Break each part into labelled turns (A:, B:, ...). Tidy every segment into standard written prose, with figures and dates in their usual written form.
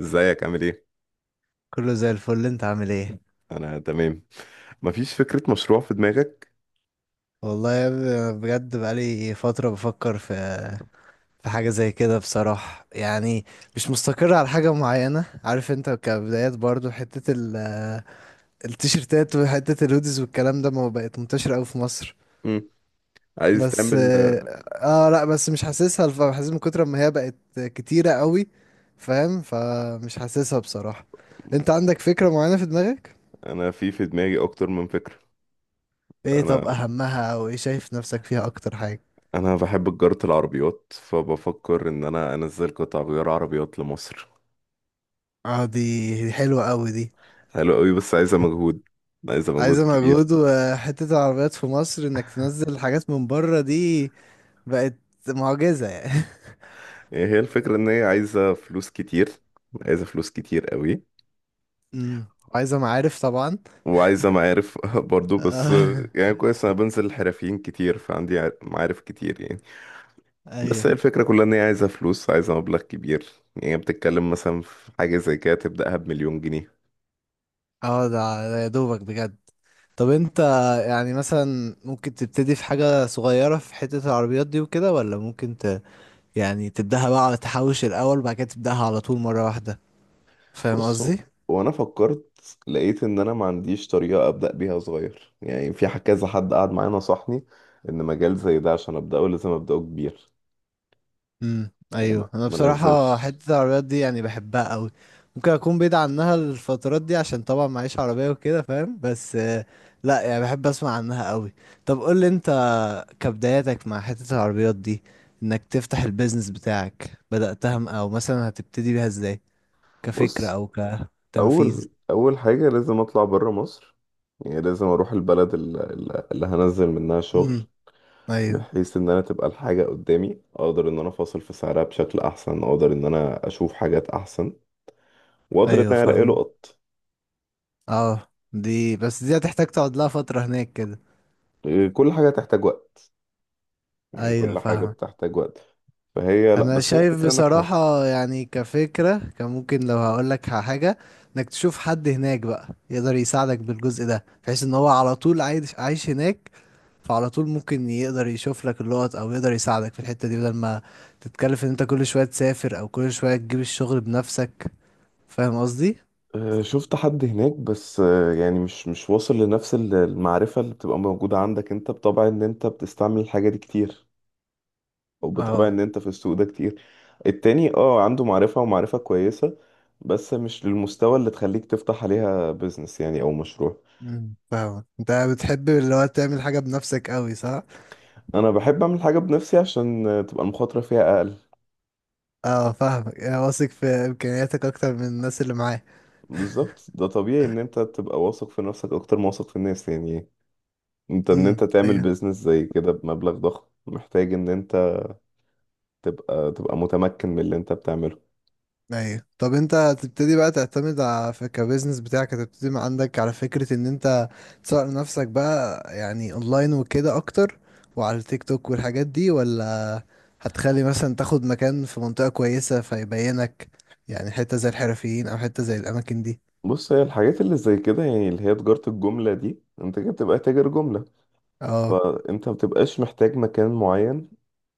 A: ازيك عامل ايه؟
B: كله زي الفل، انت عامل ايه؟
A: انا تمام. مفيش فكرة مشروع في دماغك؟
B: والله يا ابني، انا بجد بقالي فترة بفكر في حاجة زي كده بصراحة يعني. مش مستقر على حاجة معينة. عارف انت، كبدايات برضو، حتة التيشيرتات وحتة الهوديز والكلام ده ما بقت منتشرة اوي في مصر.
A: مم. عايز
B: بس
A: تعمل.
B: اه. اه، لا بس مش حاسسها حاسس من كتر ما هي بقت كتيرة قوي. فاهم؟ فمش حاسسها بصراحة. انت عندك فكرة معينة في دماغك؟
A: انا في دماغي اكتر من فكرة.
B: ايه،
A: انا
B: طب اهمها؟ او ايه شايف نفسك فيها اكتر حاجة؟
A: انا بحب تجارة العربيات، فبفكر ان انا انزل قطع غيار عربيات لمصر.
B: اه، دي حلوة قوي دي.
A: حلو قوي، بس عايزة مجهود. عايزة مجهود
B: عايزة
A: كبير.
B: مجهود. وحتة العربيات في مصر انك تنزل حاجات من بره دي بقت معجزة يعني.
A: هي الفكرة ان هي عايزة فلوس كتير. عايزة فلوس كتير قوي.
B: امم. عايزة معارف طبعا.
A: وعايزة معارف برضو. بس
B: آه.
A: يعني كويس، انا بنزل حرفيين كتير، فعندي معارف كتير يعني. بس هي
B: ايوه.
A: الفكرة كلها ان هي عايزة فلوس، عايزة مبلغ كبير. يعني بتتكلم مثلا في حاجة زي كده تبدأها بمليون جنيه.
B: اه، ده يا دوبك بجد. طب انت، يعني مثلا ممكن تبتدي في حاجة صغيرة في حتة العربيات دي وكده، ولا ممكن يعني تبدأها بقى، تحوش الأول وبعد كده تبدأها على طول مرة واحدة. فاهم
A: بص هو-
B: قصدي؟
A: وانا فكرت، لقيت ان انا ما عنديش طريقة ابدأ بيها صغير، يعني في كذا حد قعد معايا نصحني ان مجال زي ده عشان ابدأه لازم ابدأه كبير، يعني ما
B: ايوه، انا
A: ما
B: بصراحه
A: انزلش.
B: حته العربيات دي يعني بحبها قوي. ممكن اكون بعيد عنها الفترات دي عشان طبعا معيش عربيه وكده، فاهم؟ بس لا، يعني بحب اسمع عنها قوي. طب قول لي انت، كبداياتك مع حته العربيات دي، انك تفتح البيزنس بتاعك، بداتها او مثلا هتبتدي بيها ازاي، كفكره
A: بص،
B: او كتنفيذ؟
A: اول اول حاجة لازم اطلع بره مصر. يعني لازم اروح البلد اللي هنزل منها شغل،
B: امم، ايوه.
A: بحيث ان انا تبقى الحاجة قدامي، اقدر ان انا افاصل في سعرها بشكل احسن، اقدر ان انا اشوف حاجات احسن، واقدر ان
B: ايوه،
A: انا الاقي
B: فاهم.
A: لقط.
B: اه، دي بس دي هتحتاج تقعد لها فتره هناك كده.
A: إيه، كل حاجة تحتاج وقت. يعني
B: ايوه،
A: كل حاجة
B: فاهم.
A: بتحتاج وقت. فهي، لا،
B: انا
A: بس هي
B: شايف
A: فكرة ناجحة.
B: بصراحة يعني، كفكرة كان ممكن لو هقولك على حاجة، انك تشوف حد هناك بقى يقدر يساعدك بالجزء ده، بحيث ان هو على طول عايش عايش هناك. فعلى طول ممكن يقدر يشوف لك اللقط او يقدر يساعدك في الحتة دي، بدل ما تتكلف ان انت كل شوية تسافر او كل شوية تجيب الشغل بنفسك. فاهم قصدي؟
A: آه، شفت حد هناك، بس يعني مش واصل لنفس المعرفة اللي بتبقى موجودة عندك انت، بطبع ان انت بتستعمل الحاجة دي كتير، او بطبع
B: اه.
A: ان انت في السوق ده كتير. التاني عنده معرفة ومعرفة كويسة. بس مش للمستوى اللي تخليك تفتح عليها بيزنس يعني، او مشروع.
B: فاهمك، انت بتحب اللي هو تعمل حاجة بنفسك قوي، صح؟
A: انا بحب اعمل حاجه بنفسي عشان تبقى المخاطره فيها اقل.
B: اه، فاهمك، يعني واثق في امكانياتك اكتر من الناس اللي معاك.
A: بالظبط، ده طبيعي ان انت تبقى واثق في نفسك اكتر ما واثق في الناس يعني. انت ان
B: امم،
A: انت تعمل
B: ايوه.
A: بيزنس زي كده بمبلغ ضخم، محتاج ان انت تبقى متمكن من اللي انت بتعمله.
B: ايوه. طب انت هتبتدي بقى تعتمد على في كبزنس بتاعك، هتبتدي من عندك على فكرة ان انت تسوق لنفسك بقى يعني اونلاين وكده اكتر، وعلى التيك توك والحاجات دي، ولا هتخلي مثلا تاخد مكان في منطقة كويسة فيبينك، يعني حتة زي الحرفيين او حتة زي الاماكن دي؟
A: بص، هي الحاجات اللي زي كده، يعني اللي هي تجارة الجملة دي، انت كده بتبقى تاجر جملة.
B: اه،
A: فانت مبتبقاش محتاج مكان معين،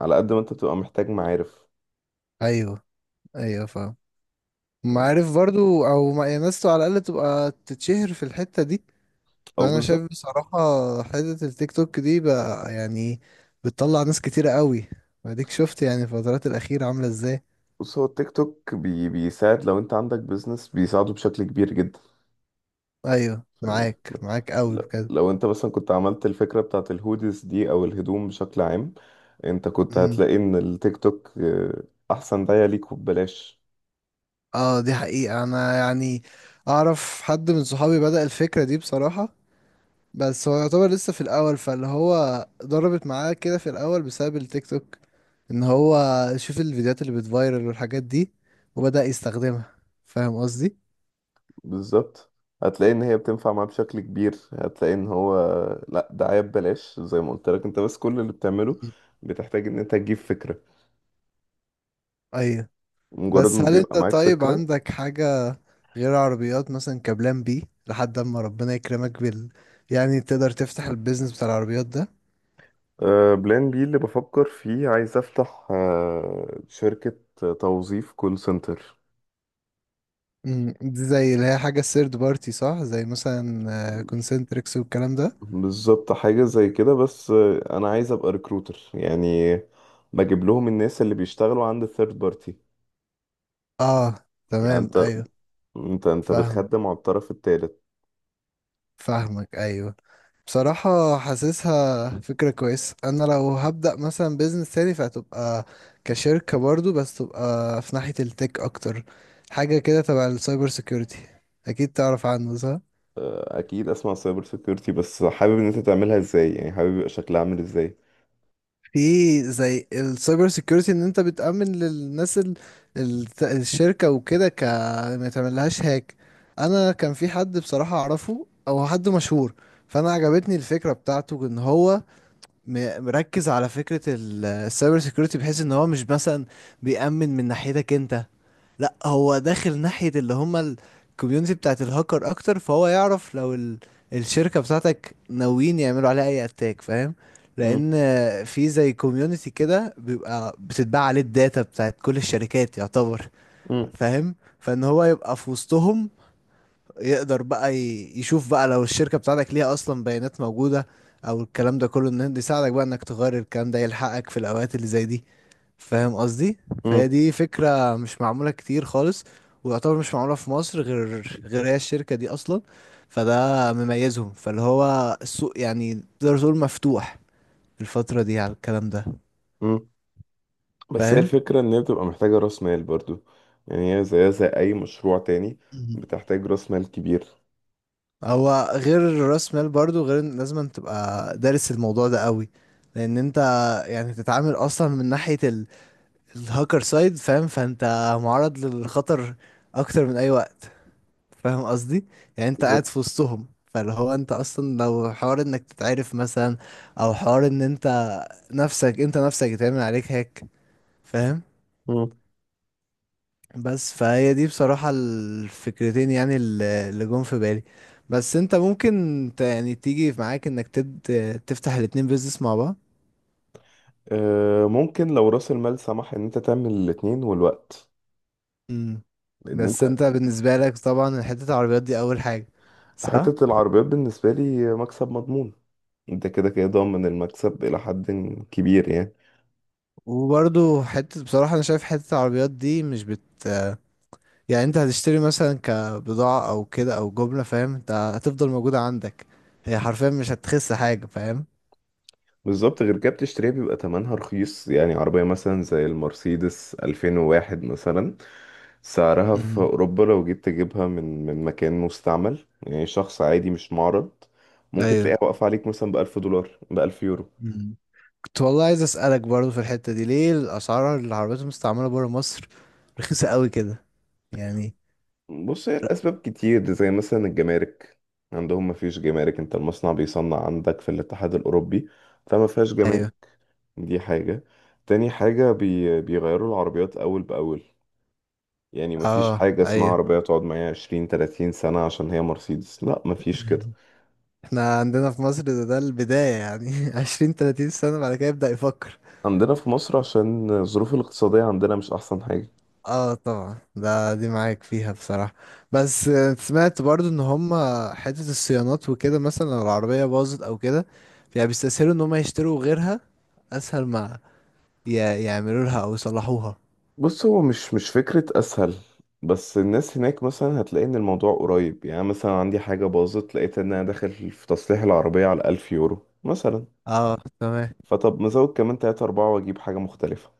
A: على قد ما انت بتبقى محتاج معارف.
B: ايوه. ايوه، فاهم. ما عارف برضو، او ما يعني ناس على الاقل تبقى تتشهر في الحتة دي.
A: او
B: فانا
A: بالظبط.
B: شايف بصراحة، حتة التيك توك دي بقى يعني، بتطلع ناس كتيرة قوي. واديك شفت يعني الفترات الأخيرة عاملة ازاي.
A: بص، هو التيك توك بيساعد، لو انت عندك بيزنس بيساعده بشكل كبير جدا.
B: ايوه،
A: فاهم
B: معاك
A: الفكرة.
B: معاك قوي
A: ل-
B: بجد.
A: لو انت مثلا كنت عملت الفكرة بتاعت الهوديز دي او الهدوم بشكل عام، انت كنت
B: مم.
A: هتلاقي ان التيك توك احسن دعاية ليك وببلاش.
B: اه، دي حقيقة انا يعني، اعرف حد من صحابي بدأ الفكرة دي بصراحة. بس هو يعتبر لسه في الاول، فاللي هو ضربت معاه كده في الاول بسبب التيك توك، ان هو شوف الفيديوهات اللي بتفايرل والحاجات دي وبدأ يستخدمها. فاهم قصدي؟
A: بالظبط. هتلاقي ان هي بتنفع معاه بشكل كبير. هتلاقي ان هو لا، دعاية ببلاش زي ما قلت لك انت، بس كل اللي بتعمله
B: مم.
A: بتحتاج ان انت تجيب فكرة.
B: ايوه.
A: مجرد
B: بس
A: ما
B: هل
A: بيبقى
B: انت
A: معاك
B: طيب
A: فكرة.
B: عندك حاجة غير عربيات مثلا، كبلان بي لحد اما ربنا يكرمك يعني تقدر تفتح البيزنس بتاع العربيات ده؟
A: اه، بلان بي اللي بفكر فيه، عايز افتح شركة توظيف كول سنتر.
B: دي زي اللي هي حاجة الثيرد بارتي، صح؟ زي مثلا كونسنتريكس والكلام ده.
A: بالظبط، حاجة زي كده. بس أنا عايز أبقى ريكروتر يعني، بجيب لهم الناس اللي بيشتغلوا عند الثيرد بارتي.
B: اه،
A: يعني
B: تمام،
A: أنت
B: ايوه.
A: أنت أنت
B: فاهم،
A: بتخدم على الطرف التالت.
B: فاهمك، ايوه. بصراحة، حاسسها فكرة كويسة. انا لو هبدأ مثلا بيزنس تاني فهتبقى كشركة برضو، بس تبقى في ناحية التك اكتر، حاجة كده تبع السايبر سيكيورتي. اكيد تعرف عنه، صح؟
A: آه، أكيد أسمع سايبر سيكيورتي. بس حابب إن أنت تعملها إزاي؟ يعني حابب يبقى شكلها عامل إزاي؟
B: في زي السايبر سيكيورتي، ان انت بتأمن للناس الشركة وكده ما يتعملهاش هاك. انا كان في حد بصراحة اعرفه، او حد مشهور، فانا عجبتني الفكرة بتاعته، ان هو مركز على فكرة السايبر سيكيورتي، بحيث ان هو مش مثلا بيأمن من ناحيتك انت، لا، هو داخل ناحية اللي هما الكوميونتي بتاعت الهاكر اكتر، فهو يعرف لو الشركة بتاعتك ناويين يعملوا عليها اي اتاك، فاهم؟
A: مم،
B: لان في زي كوميونتي كده، بيبقى بتتباع عليه الداتا بتاعت كل الشركات، يعتبر.
A: مم،
B: فاهم؟ فان هو يبقى في وسطهم، يقدر بقى يشوف بقى لو الشركة بتاعتك ليها اصلا بيانات موجودة، او الكلام ده كله، ان ده يساعدك بقى انك تغير الكلام ده يلحقك في الاوقات اللي زي دي. فاهم قصدي؟ فهي
A: مم،
B: دي فكرة مش معمولة كتير خالص، ويعتبر مش معمولة في مصر غير هي الشركة دي أصلا. فده مميزهم، فاللي هو السوق يعني تقدر تقول مفتوح في الفترة دي على الكلام ده.
A: مم. بس هي
B: فاهم.
A: الفكرة إن هي بتبقى محتاجة رأس مال برضو. يعني هي زيها زي أي مشروع تاني،
B: مم.
A: بتحتاج رأس مال كبير.
B: هو غير راس مال برضو، غير إن لازم تبقى دارس الموضوع ده قوي، لان انت يعني تتعامل اصلا من ناحية الهاكر سايد، فاهم؟ فانت معرض للخطر اكتر من اي وقت. فاهم قصدي؟ يعني انت قاعد
A: بالظبط.
B: في وسطهم. فاللي هو انت اصلا لو حوار انك تتعرف مثلا، او حوار ان انت نفسك انت نفسك يتعمل عليك هيك. فاهم؟
A: مم.
B: بس فهي دي بصراحة الفكرتين يعني، اللي جم في بالي. بس انت ممكن يعني تيجي معاك انك تفتح الاتنين بيزنس مع بعض.
A: آه، ممكن لو رأس المال سمح إن أنت تعمل الاتنين والوقت،
B: مم.
A: لان
B: بس
A: انت.
B: انت بالنسبة لك طبعا، حتة العربيات دي اول حاجة، صح؟
A: حتة العربيات بالنسبة لي مكسب مضمون. انت كده كده ضامن المكسب إلى حد كبير يعني.
B: وبرضو، حتة بصراحة انا شايف حتة العربيات دي مش يعني انت هتشتري مثلا كبضاعة او كده او جملة، فاهم؟ انت هتفضل موجودة عندك، هي حرفيا مش هتخس حاجة، فاهم؟
A: بالظبط. غير كده بتشتريها بيبقى تمنها رخيص. يعني عربية مثلا زي المرسيدس 2001 مثلا، سعرها في
B: مم.
A: أوروبا لو جيت تجيبها من مكان مستعمل، يعني شخص عادي مش معرض، ممكن
B: ايوه.
A: تلاقيها واقفة عليك مثلا بألف دولار، بألف يورو.
B: مم. كنت والله عايز اسألك برضو في الحتة دي، ليه الاسعار العربيات المستعملة برا مصر رخيصة قوي كده؟ يعني.
A: بص، هي الأسباب كتير. زي مثلا الجمارك، عندهم مفيش جمارك. انت المصنع بيصنع عندك في الاتحاد الأوروبي، فما فيهاش
B: ايوه.
A: جمارك. دي حاجة. تاني حاجة، بيغيروا العربيات أول بأول. يعني مفيش
B: اه،
A: حاجة اسمها
B: ايوه.
A: عربية تقعد معايا عشرين تلاتين سنة عشان هي مرسيدس، لا مفيش كده.
B: احنا عندنا في مصر ده البداية يعني 20 30 سنة بعد كده يبدأ يفكر.
A: عندنا في مصر عشان الظروف الاقتصادية عندنا مش أحسن حاجة.
B: اه، طبعا ده دي معاك فيها بصراحة. بس سمعت برضو ان هم حتة الصيانات وكده، مثلا لو العربية باظت او كده، يعني بيستسهلوا ان هم يشتروا غيرها، اسهل ما يعملوا لها او يصلحوها.
A: بص، هو مش فكرة أسهل. بس الناس هناك مثلا هتلاقي إن الموضوع قريب. يعني مثلا عندي حاجة باظت، لقيت إن أنا داخل في تصليح العربية على ألف يورو مثلا،
B: اه، تمام.
A: فطب مزود كمان تلاتة أربعة وأجيب حاجة مختلفة.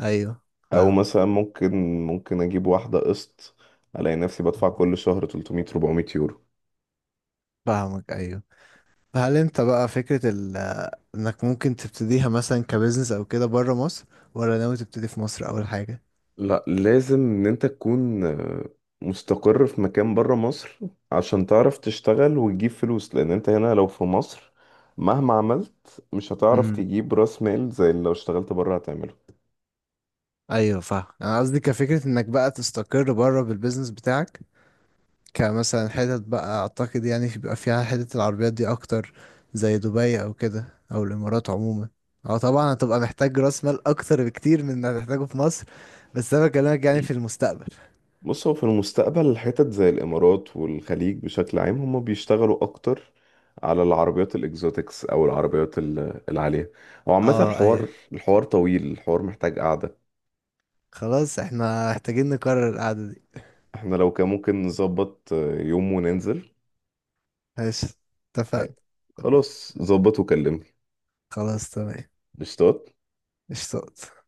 B: ايوه.
A: او
B: فاهم،
A: مثلا ممكن اجيب واحدة قسط، الاقي نفسي بدفع كل شهر 300 400 يورو.
B: فاهمك، ايوه. فهل انت بقى فكرة انك ممكن تبتديها مثلا كبزنس او كده بره مصر، ولا ناوي تبتدي في مصر اول حاجة؟
A: لا، لازم ان انت تكون مستقر في مكان برا مصر عشان تعرف تشتغل وتجيب فلوس. لان انت هنا لو في مصر، مهما عملت مش هتعرف
B: امم
A: تجيب راس مال زي اللي لو اشتغلت برا هتعمله.
B: ايوه، فاهم. انا قصدي كفكرة انك بقى تستقر بره بالبزنس بتاعك، كمثلا حتت بقى اعتقد يعني، بيبقى فيها حتت العربيات دي اكتر، زي دبي او كده، او الامارات عموما. اه، طبعا هتبقى محتاج راس مال اكتر بكتير من اللي هتحتاجه في مصر، بس انا بكلمك يعني في المستقبل.
A: بص، هو في المستقبل حتت زي الإمارات والخليج بشكل عام هم بيشتغلوا أكتر على العربيات الإكزوتكس، أو العربيات العالية. هو عامة
B: اه،
A: الحوار
B: ايوه.
A: الحوار طويل، الحوار محتاج قعدة.
B: خلاص، احنا محتاجين نكرر القعدة دي.
A: احنا لو كان ممكن نظبط يوم وننزل.
B: ماشي.
A: هي-
B: اتفقنا. اتفقنا.
A: خلاص. ظبط وكلمني.
B: خلاص تمام.
A: قشطات.
B: اشتقت.